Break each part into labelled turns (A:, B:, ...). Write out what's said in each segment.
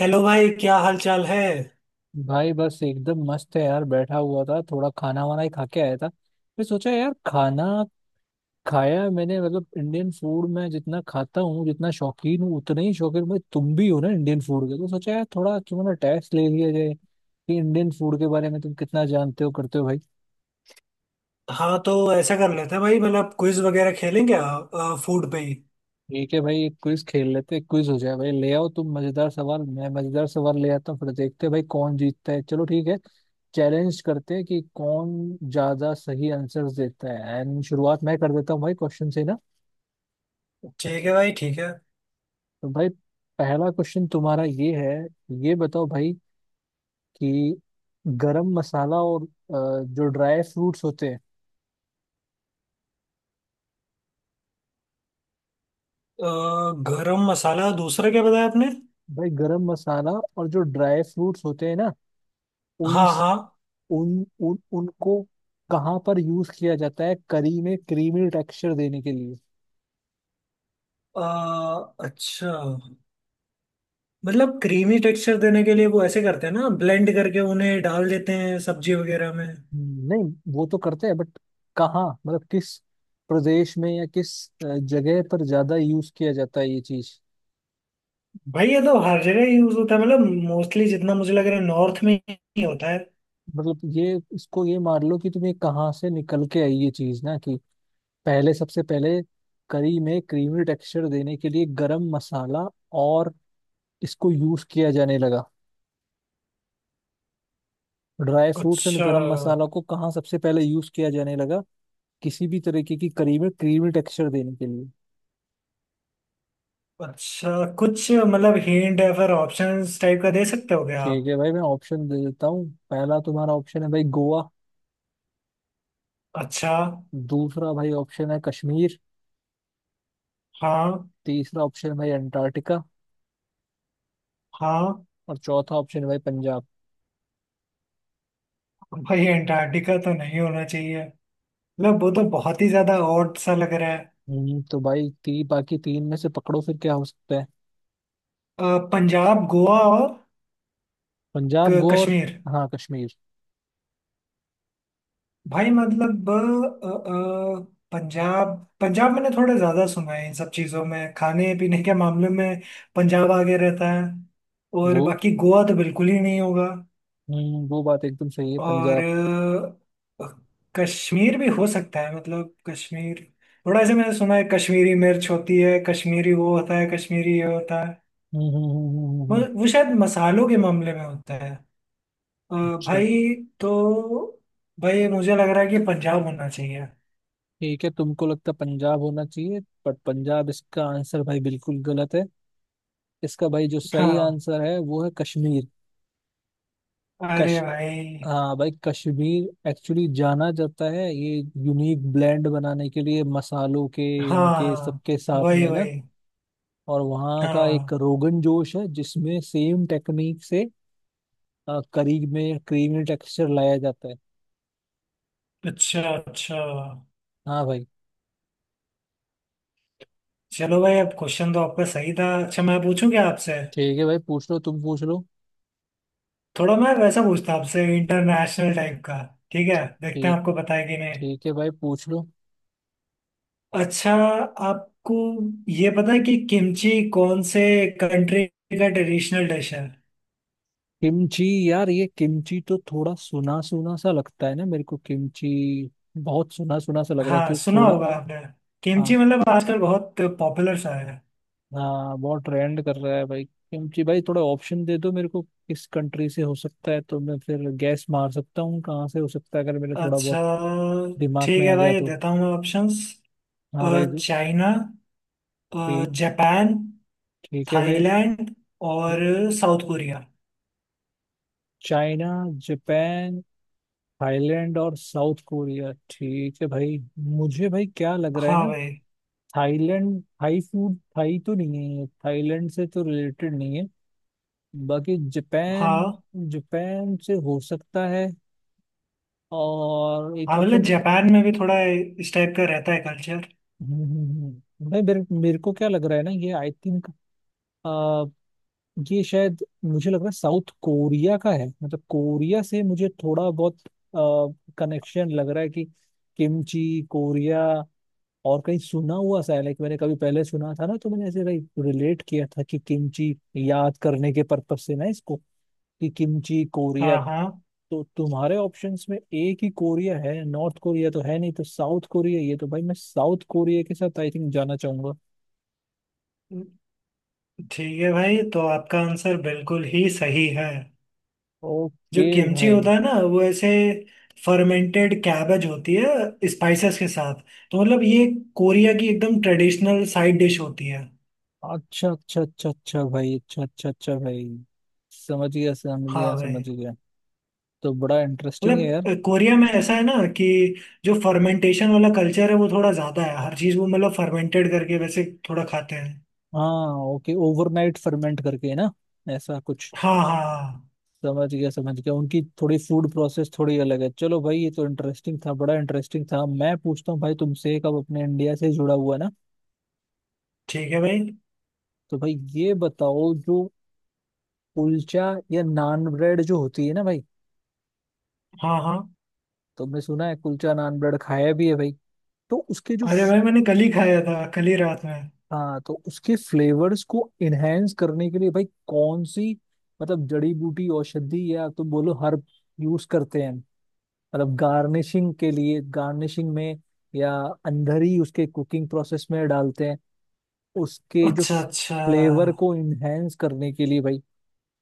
A: Hello भाई, क्या हाल चाल है?
B: भाई बस एकदम मस्त है यार। बैठा हुआ था, थोड़ा खाना वाना ही खा के आया था। फिर सोचा यार खाना खाया मैंने। मतलब इंडियन फूड में जितना खाता हूँ, जितना शौकीन हूँ, उतना ही शौकीन भाई तुम भी हो ना इंडियन फूड के, तो सोचा यार थोड़ा क्यों ना टेस्ट ले लिया जाए कि इंडियन फूड के बारे में तुम कितना जानते हो करते हो भाई।
A: हाँ, तो ऐसा कर लेते हैं भाई, मतलब क्विज वगैरह खेलेंगे, फूड पे ही।
B: ठीक है भाई, एक क्विज खेल लेते हैं। क्विज हो जाए भाई, ले आओ तुम मजेदार सवाल, मैं मजेदार सवाल ले आता हूँ, फिर देखते हैं भाई कौन जीतता है। चलो ठीक है, चैलेंज करते हैं कि कौन ज्यादा सही आंसर्स देता है। एंड शुरुआत मैं कर देता हूँ भाई क्वेश्चन से ना।
A: ठीक है भाई, ठीक है।
B: तो भाई पहला क्वेश्चन तुम्हारा ये है। ये बताओ भाई कि गरम मसाला और जो ड्राई फ्रूट्स होते हैं।
A: गरम मसाला? दूसरा क्या बताया आपने?
B: भाई गरम मसाला और जो ड्राई फ्रूट्स होते हैं ना, उन
A: हाँ, हाँ।
B: उन, उन उनको कहाँ पर यूज किया जाता है करी में क्रीमी टेक्सचर देने के लिए।
A: अच्छा। मतलब क्रीमी टेक्सचर देने के लिए वो ऐसे करते हैं ना, ब्लेंड करके उन्हें डाल देते हैं सब्जी वगैरह में।
B: नहीं, वो तो करते हैं बट कहाँ, मतलब किस प्रदेश में या किस अ, जगह पर ज्यादा यूज किया जाता है ये चीज।
A: भाई, ये तो हर जगह यूज होता है, मतलब मोस्टली जितना मुझे लग रहा है, नॉर्थ में ही होता है।
B: मतलब ये इसको ये मान लो कि तुम्हें कहाँ से निकल के आई ये चीज ना कि पहले, सबसे पहले करी में क्रीमी टेक्सचर देने के लिए गरम मसाला और इसको यूज किया जाने लगा। ड्राई फ्रूट्स एंड
A: अच्छा।
B: गरम मसाला को कहाँ सबसे पहले यूज किया जाने लगा किसी भी तरीके की करीब क्रीमी टेक्सचर देने के लिए।
A: अच्छा, कुछ मतलब हिंट या फिर ऑप्शंस टाइप का दे सकते हो क्या
B: ठीक
A: आप?
B: है भाई, मैं ऑप्शन दे देता हूँ। पहला तुम्हारा ऑप्शन है भाई गोवा।
A: अच्छा।
B: दूसरा भाई ऑप्शन है कश्मीर।
A: हाँ।
B: तीसरा ऑप्शन है भाई अंटार्कटिका।
A: हाँ।
B: और चौथा ऑप्शन है भाई पंजाब।
A: भाई अंटार्कटिका तो नहीं होना चाहिए, मतलब वो तो बहुत ही ज्यादा ऑड सा लग रहा है।
B: तो भाई, बाकी तीन में से पकड़ो फिर क्या हो सकता है।
A: पंजाब, गोवा और
B: पंजाब गोवा और,
A: कश्मीर।
B: हाँ कश्मीर।
A: भाई मतलब पंजाब। पंजाब मैंने थोड़ा ज्यादा सुना है, इन सब चीजों में खाने पीने के मामले में पंजाब आगे रहता है। और
B: वो,
A: बाकी गोवा तो बिल्कुल ही नहीं होगा।
B: हम्म, वो बात एकदम सही है पंजाब।
A: और अ, कश्मीर भी हो सकता है, मतलब कश्मीर थोड़ा ऐसे मैंने सुना है, कश्मीरी मिर्च होती है, कश्मीरी वो होता है, कश्मीरी ये होता है।
B: हम्म हम्म हम्म, हम्म, हम्म,
A: वो,
B: हम्म।
A: वो शायद मसालों के मामले में होता है। अ,
B: अच्छा।
A: भाई, तो भाई मुझे लग रहा है कि पंजाब होना चाहिए।
B: ठीक है, तुमको लगता है पंजाब होना चाहिए, बट पंजाब इसका आंसर भाई बिल्कुल गलत है। इसका भाई जो सही
A: हाँ।
B: आंसर है वो है कश्मीर।
A: अरे
B: कश
A: भाई।
B: हाँ भाई, कश्मीर एक्चुअली जाना जाता है ये यूनिक ब्लेंड बनाने के लिए मसालों के, इनके
A: हाँ,
B: सबके साथ
A: वही
B: में ना।
A: वही।
B: और वहाँ का एक
A: हाँ,
B: रोगन जोश है जिसमें सेम टेक्निक से करी में क्रीमी टेक्सचर लाया जाता है।
A: अच्छा, अच्छा।
B: हाँ भाई।
A: चलो भाई, अब क्वेश्चन तो आपका सही था। अच्छा, मैं पूछूं क्या आपसे?
B: ठीक है भाई पूछ लो, तुम पूछ लो।
A: थोड़ा मैं वैसा पूछता हूँ आपसे, इंटरनेशनल टाइप का। ठीक है, देखते हैं
B: ठीक,
A: आपको पता है कि नहीं।
B: ठीक है भाई पूछ लो।
A: अच्छा। आपको ये पता है कि किमची कौन से कंट्री का ट्रेडिशनल डिश है?
B: किमची? यार ये किमची तो थोड़ा सुना सुना सा लगता है ना मेरे को। किमची बहुत सुना सुना सा लग रहा है
A: हाँ,
B: एक्चुअली,
A: सुना
B: थोड़ा।
A: होगा आपने।
B: हाँ।
A: किमची मतलब आजकल बहुत पॉपुलर सा है।
B: हाँ बहुत ट्रेंड कर रहा है भाई। क्योंकि भाई थोड़ा ऑप्शन दे दो मेरे को किस कंट्री से हो सकता है, तो मैं फिर गैस मार सकता हूँ कहाँ से हो सकता है, अगर मेरे थोड़ा बहुत
A: अच्छा।
B: दिमाग
A: ठीक
B: में आ
A: है
B: गया
A: भाई,
B: तो।
A: देता हूँ मैं ऑप्शंस।
B: हाँ भाई।
A: चाइना,
B: ठीक,
A: जापान,
B: ठीक है भाई।
A: थाईलैंड और South Korea.
B: China, Japan, Thailand और साउथ कोरिया, ठीक है भाई। मुझे भाई क्या लग रहा है
A: हाँ
B: ना,
A: भाई।
B: थाईलैंड, थाई फूड, थाई तो नहीं है, थाईलैंड से तो रिलेटेड नहीं है। बाकी जापान,
A: हाँ,
B: जापान से हो सकता है। और एक
A: हाँ, मतलब
B: ऑप्शन,
A: जापान में भी थोड़ा इस टाइप का रहता है कल्चर।
B: भाई मेरे मेरे को क्या लग रहा है ना, ये आई थिंक ये शायद मुझे लग रहा है साउथ कोरिया का है। मतलब कोरिया से मुझे थोड़ा बहुत कनेक्शन लग रहा है कि किमची कोरिया। और कहीं सुना हुआ सा है, लाइक मैंने कभी पहले सुना था ना, तो मैंने ऐसे लाइक रिलेट किया था कि किमची, याद करने के पर्पज से ना इसको, कि किमची कोरिया।
A: हाँ, हाँ।
B: तो तुम्हारे ऑप्शंस में एक ही कोरिया है, नॉर्थ कोरिया तो है नहीं, तो साउथ कोरिया, ये तो भाई मैं साउथ कोरिया के साथ आई थिंक जाना चाहूंगा।
A: ठीक है भाई, तो आपका आंसर बिल्कुल ही सही है। जो
B: ओके
A: किमची
B: भाई।
A: होता है ना, वो ऐसे फर्मेंटेड कैबेज होती है स्पाइसेस के साथ। तो मतलब ये कोरिया की एकदम ट्रेडिशनल साइड डिश होती है।
B: अच्छा अच्छा अच्छा अच्छा भाई, अच्छा अच्छा अच्छा भाई, समझ गया समझ गया
A: हाँ
B: समझ
A: भाई।
B: गया। तो बड़ा इंटरेस्टिंग है यार।
A: मतलब कोरिया में ऐसा है ना कि जो फर्मेंटेशन वाला कल्चर है वो थोड़ा ज़्यादा है। हर चीज़ वो मतलब फर्मेंटेड करके वैसे थोड़ा खाते हैं।
B: हाँ ओके, ओवरनाइट फर्मेंट करके है ना, ऐसा कुछ।
A: हाँ, हाँ, हाँ।
B: समझ गया समझ गया, उनकी थोड़ी फूड प्रोसेस थोड़ी अलग है। चलो भाई, ये तो इंटरेस्टिंग था, बड़ा इंटरेस्टिंग था। मैं पूछता हूँ भाई तुमसे एक, अब अपने इंडिया से जुड़ा हुआ ना।
A: ठीक है भाई।
B: तो भाई ये बताओ, जो कुलचा या नान ब्रेड जो होती है ना भाई,
A: हाँ, हाँ।
B: तुमने सुना है, कुलचा नान ब्रेड खाया भी है भाई, तो उसके जो,
A: अरे भाई, मैंने कल ही खाया था, कल ही रात में।
B: हाँ तो उसके फ्लेवर्स को इनहेंस करने के लिए भाई कौन सी, मतलब जड़ी बूटी औषधि या तो बोलो हर्ब यूज करते हैं, मतलब गार्निशिंग के लिए, गार्निशिंग में, या अंदर ही उसके कुकिंग प्रोसेस में डालते हैं उसके जो
A: अच्छा, अच्छा।
B: फ्लेवर को इनहेंस करने के लिए भाई।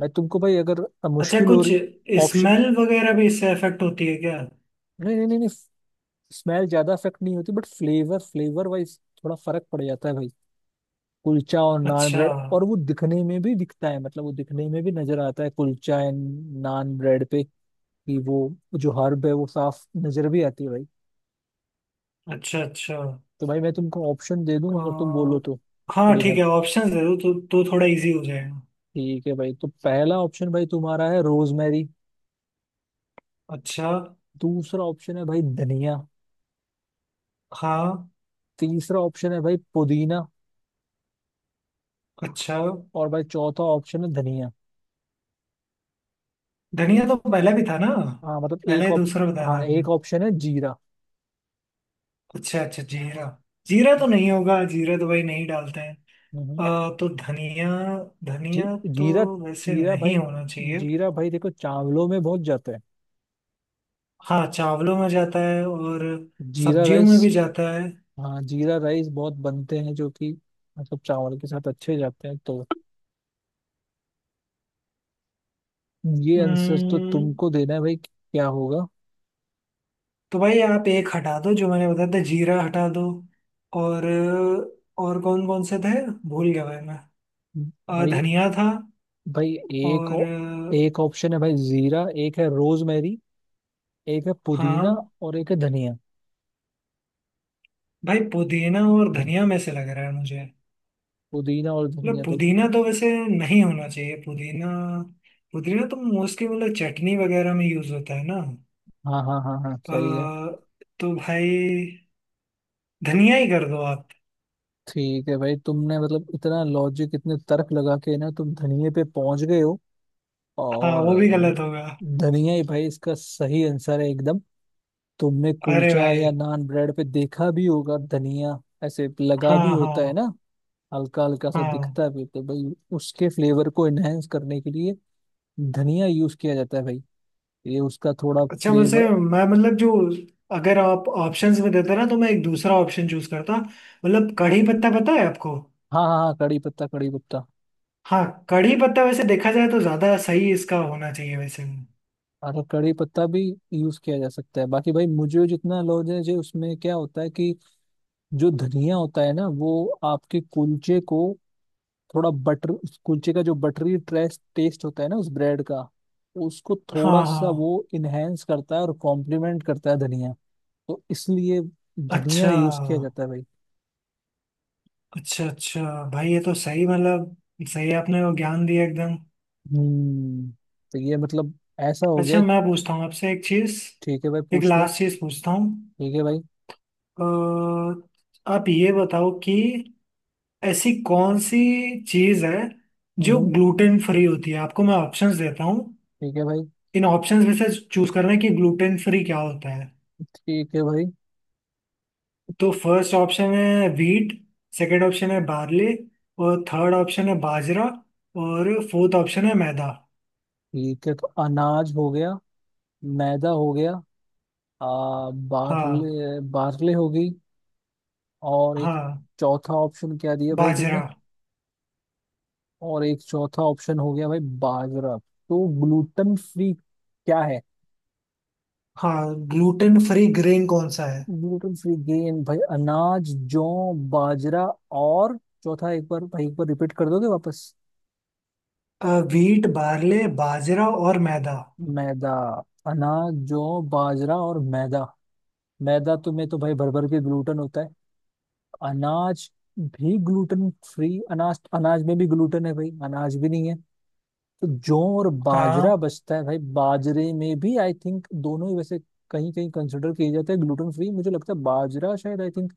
B: मैं तुमको भाई अगर
A: अच्छा,
B: मुश्किल हो
A: कुछ
B: रही ऑप्शन,
A: स्मेल वगैरह भी इससे इफेक्ट होती है क्या?
B: नहीं नहीं नहीं, नहीं, स्मेल ज्यादा इफेक्ट नहीं होती बट फ्लेवर फ्लेवर वाइज थोड़ा फर्क पड़ जाता है भाई, कुलचा और नान
A: अच्छा,
B: ब्रेड, और वो दिखने में भी दिखता है, मतलब वो दिखने में भी नजर आता है कुलचा एंड नान ब्रेड पे कि वो जो हर्ब है वो साफ नजर भी आती है भाई।
A: अच्छा, अच्छा।
B: तो भाई मैं तुमको ऑप्शन दे दूं अगर तुम बोलो
A: अ,
B: तो
A: हाँ,
B: थोड़ी
A: ठीक
B: हेल्प।
A: है, ऑप्शन दे दो तो थोड़ा इजी हो जाएगा।
B: ठीक है भाई, तो पहला ऑप्शन भाई तुम्हारा है रोजमेरी।
A: अच्छा।
B: दूसरा ऑप्शन है भाई धनिया।
A: हाँ।
B: तीसरा ऑप्शन है भाई पुदीना।
A: अच्छा।
B: और भाई चौथा ऑप्शन है धनिया।
A: धनिया तो पहले भी था ना?
B: हाँ मतलब एक
A: पहले
B: ऑप,
A: दूसरा बताया था
B: हाँ
A: आपने।
B: एक ऑप्शन है जीरा।
A: अच्छा, अच्छा, जीरा। जीरा तो नहीं होगा। जीरा तो भाई नहीं डालते हैं।
B: हम्म।
A: तो धनिया।
B: जी
A: धनिया
B: जीरा।
A: तो वैसे
B: जीरा भाई,
A: नहीं होना चाहिए।
B: जीरा भाई देखो चावलों में बहुत जाता है,
A: हाँ, चावलों में जाता है और
B: जीरा
A: सब्जियों
B: राइस।
A: में भी जाता
B: हाँ जीरा राइस बहुत बनते हैं जो कि मतलब चावल के साथ अच्छे जाते हैं, तो ये
A: है।
B: आंसर तो तुमको देना है भाई क्या होगा।
A: तो भाई आप एक हटा दो जो मैंने बताया था, जीरा हटा दो। और और कौन कौन से थे? भूल गया भाई मैं।
B: भाई
A: धनिया था
B: भाई एक
A: और
B: ओ- एक ऑप्शन है भाई जीरा, एक है रोजमेरी, एक है पुदीना,
A: हाँ
B: और एक है धनिया।
A: भाई, पुदीना और धनिया में से लग रहा है मुझे।
B: पुदीना और
A: मतलब
B: धनिया तो,
A: पुदीना तो वैसे नहीं होना चाहिए पुदीना। पुदीना तो मोस्टली मतलब चटनी वगैरह में यूज होता है ना।
B: हाँ हाँ हाँ हाँ सही है।
A: अ, तो भाई धनिया ही कर दो आप।
B: ठीक है भाई, तुमने मतलब इतना लॉजिक, इतने तर्क लगा के ना तुम धनिये पे पहुंच गए हो,
A: हाँ,
B: और
A: वो भी गलत होगा।
B: धनिया ही भाई इसका सही आंसर है एकदम। तुमने
A: अरे
B: कुलचा
A: भाई।
B: या नान ब्रेड पे देखा भी होगा धनिया, ऐसे लगा भी
A: हाँ,
B: होता है
A: हाँ,
B: ना, हल्का हल्का सा
A: हाँ।
B: दिखता भी, तो भाई उसके फ्लेवर को एनहेंस करने के लिए धनिया यूज किया जाता है भाई। ये उसका थोड़ा
A: अच्छा, वैसे
B: फ्लेवर,
A: मैं मतलब जो अगर आप ऑप्शंस में देते ना, तो मैं एक दूसरा ऑप्शन चूज करता। मतलब कढ़ी पत्ता पता है आपको?
B: हाँ हाँ हाँ, कड़ी पत्ता, कड़ी पत्ता
A: हाँ, कढ़ी पत्ता वैसे देखा जाए तो ज्यादा सही इसका होना चाहिए वैसे।
B: और कड़ी पत्ता भी यूज किया जा सकता है। बाकी भाई मुझे जितना नॉलेज है, जो उसमें क्या होता है कि जो धनिया होता है ना, वो आपके कुलचे को थोड़ा बटर, उस कुलचे का जो बटरी ट्रेस टेस्ट होता है ना उस ब्रेड का, उसको थोड़ा
A: हाँ,
B: सा
A: हाँ।
B: वो इनहेंस करता है और कॉम्प्लीमेंट करता है धनिया, तो इसलिए
A: अच्छा,
B: धनिया यूज किया जाता है भाई।
A: अच्छा, अच्छा। भाई ये तो सही मतलब, सही आपने वो ज्ञान दिया एकदम।
B: हम्म। तो ये मतलब ऐसा हो गया
A: अच्छा,
B: कि,
A: मैं पूछता हूँ आपसे एक चीज।
B: ठीक है भाई
A: एक
B: पूछ लो।
A: लास्ट चीज पूछता हूँ।
B: ठीक है भाई।
A: आप ये बताओ कि ऐसी कौन सी चीज है जो
B: हम्म।
A: ग्लूटेन फ्री होती है। आपको मैं ऑप्शंस देता हूँ।
B: ठीक है भाई।
A: इन ऑप्शंस में से चूज करना है कि ग्लूटेन फ्री क्या होता है।
B: ठीक है भाई।
A: तो फर्स्ट ऑप्शन है व्हीट, सेकंड ऑप्शन है बार्ले, और थर्ड ऑप्शन है बाजरा, और फोर्थ ऑप्शन है मैदा।
B: ठीक है, तो अनाज हो गया, मैदा हो गया, आ,
A: हाँ।
B: बार्ले, बार्ले हो गई, और एक,
A: हाँ,
B: चौथा ऑप्शन क्या दिया भाई तुमने,
A: बाजरा।
B: और एक चौथा ऑप्शन हो गया भाई बाजरा। तो ग्लूटन फ्री क्या है?
A: हाँ, ग्लूटेन फ्री ग्रेन कौन सा है?
B: ग्लूटन फ्री गेन भाई अनाज, जौ, बाजरा और, चौथा एक बार भाई एक बार रिपीट कर दोगे वापस।
A: व्हीट, बार्ले, बाजरा और मैदा।
B: मैदा। अनाज जौ बाजरा और मैदा। मैदा तो में तो भाई भर भर के ग्लूटन होता है। अनाज भी ग्लूटन फ्री, अनाज, अनाज में भी ग्लूटन है भाई, अनाज भी नहीं है। तो जौ और बाजरा
A: हाँ,
B: बचता है भाई। बाजरे में भी आई थिंक दोनों ही वैसे कहीं कहीं कंसिडर किए जाते हैं ग्लूटेन फ्री। मुझे लगता है बाजरा शायद आई थिंक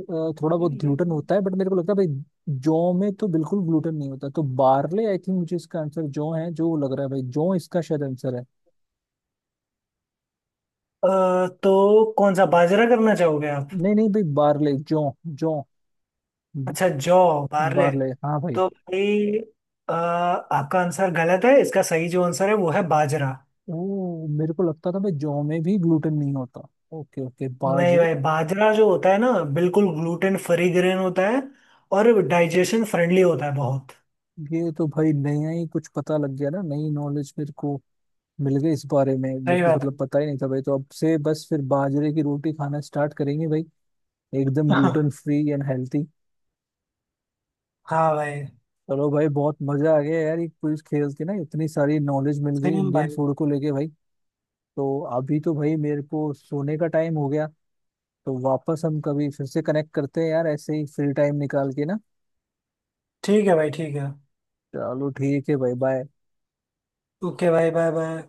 B: थोड़ा बहुत
A: मतलब ये
B: ग्लूटेन
A: दोनों।
B: होता है, बट मेरे को लगता है भाई जौ में तो बिल्कुल ग्लूटेन नहीं होता, तो बार्ले आई थिंक मुझे इसका आंसर जौ है, जो लग रहा है भाई जौ इसका शायद आंसर है।
A: तो कौन सा बाजरा करना चाहोगे आप?
B: नहीं नहीं भाई बार्ले, जौ, जौ, ब-
A: अच्छा, जॉ, बार्ले।
B: बार्ले, हाँ भाई।
A: तो भाई, आपका आंसर गलत है। इसका सही जो आंसर है वो है बाजरा।
B: ओ, मेरे को लगता था भाई जौ में भी ग्लूटेन नहीं होता। ओके ओके,
A: नहीं
B: बाजरे।
A: भाई, बाजरा जो होता है ना, बिल्कुल ग्लूटेन फ्री ग्रेन होता है, और डाइजेशन फ्रेंडली होता है बहुत।
B: ये तो भाई नया ही कुछ पता लग गया ना, नई नॉलेज मेरे को मिल गए इस बारे में। मेरे
A: सही
B: को
A: बात
B: मतलब
A: है।
B: पता ही नहीं था भाई, तो अब से बस फिर बाजरे की रोटी खाना स्टार्ट करेंगे भाई। एकदम ग्लूटेन फ्री एंड हेल्थी।
A: हाँ भाई।
B: चलो भाई बहुत मजा आ गया यार, ये क्विज खेल के ना, इतनी सारी नॉलेज मिल गई
A: सेम
B: इंडियन
A: भाई।
B: फूड को लेके भाई। तो अभी तो भाई मेरे को सोने का टाइम हो गया, तो वापस हम कभी फिर से कनेक्ट करते हैं यार, ऐसे ही फ्री टाइम निकाल के ना।
A: ठीक है भाई, ठीक है।
B: चलो ठीक है भाई, बाय।
A: ओके भाई, बाय बाय।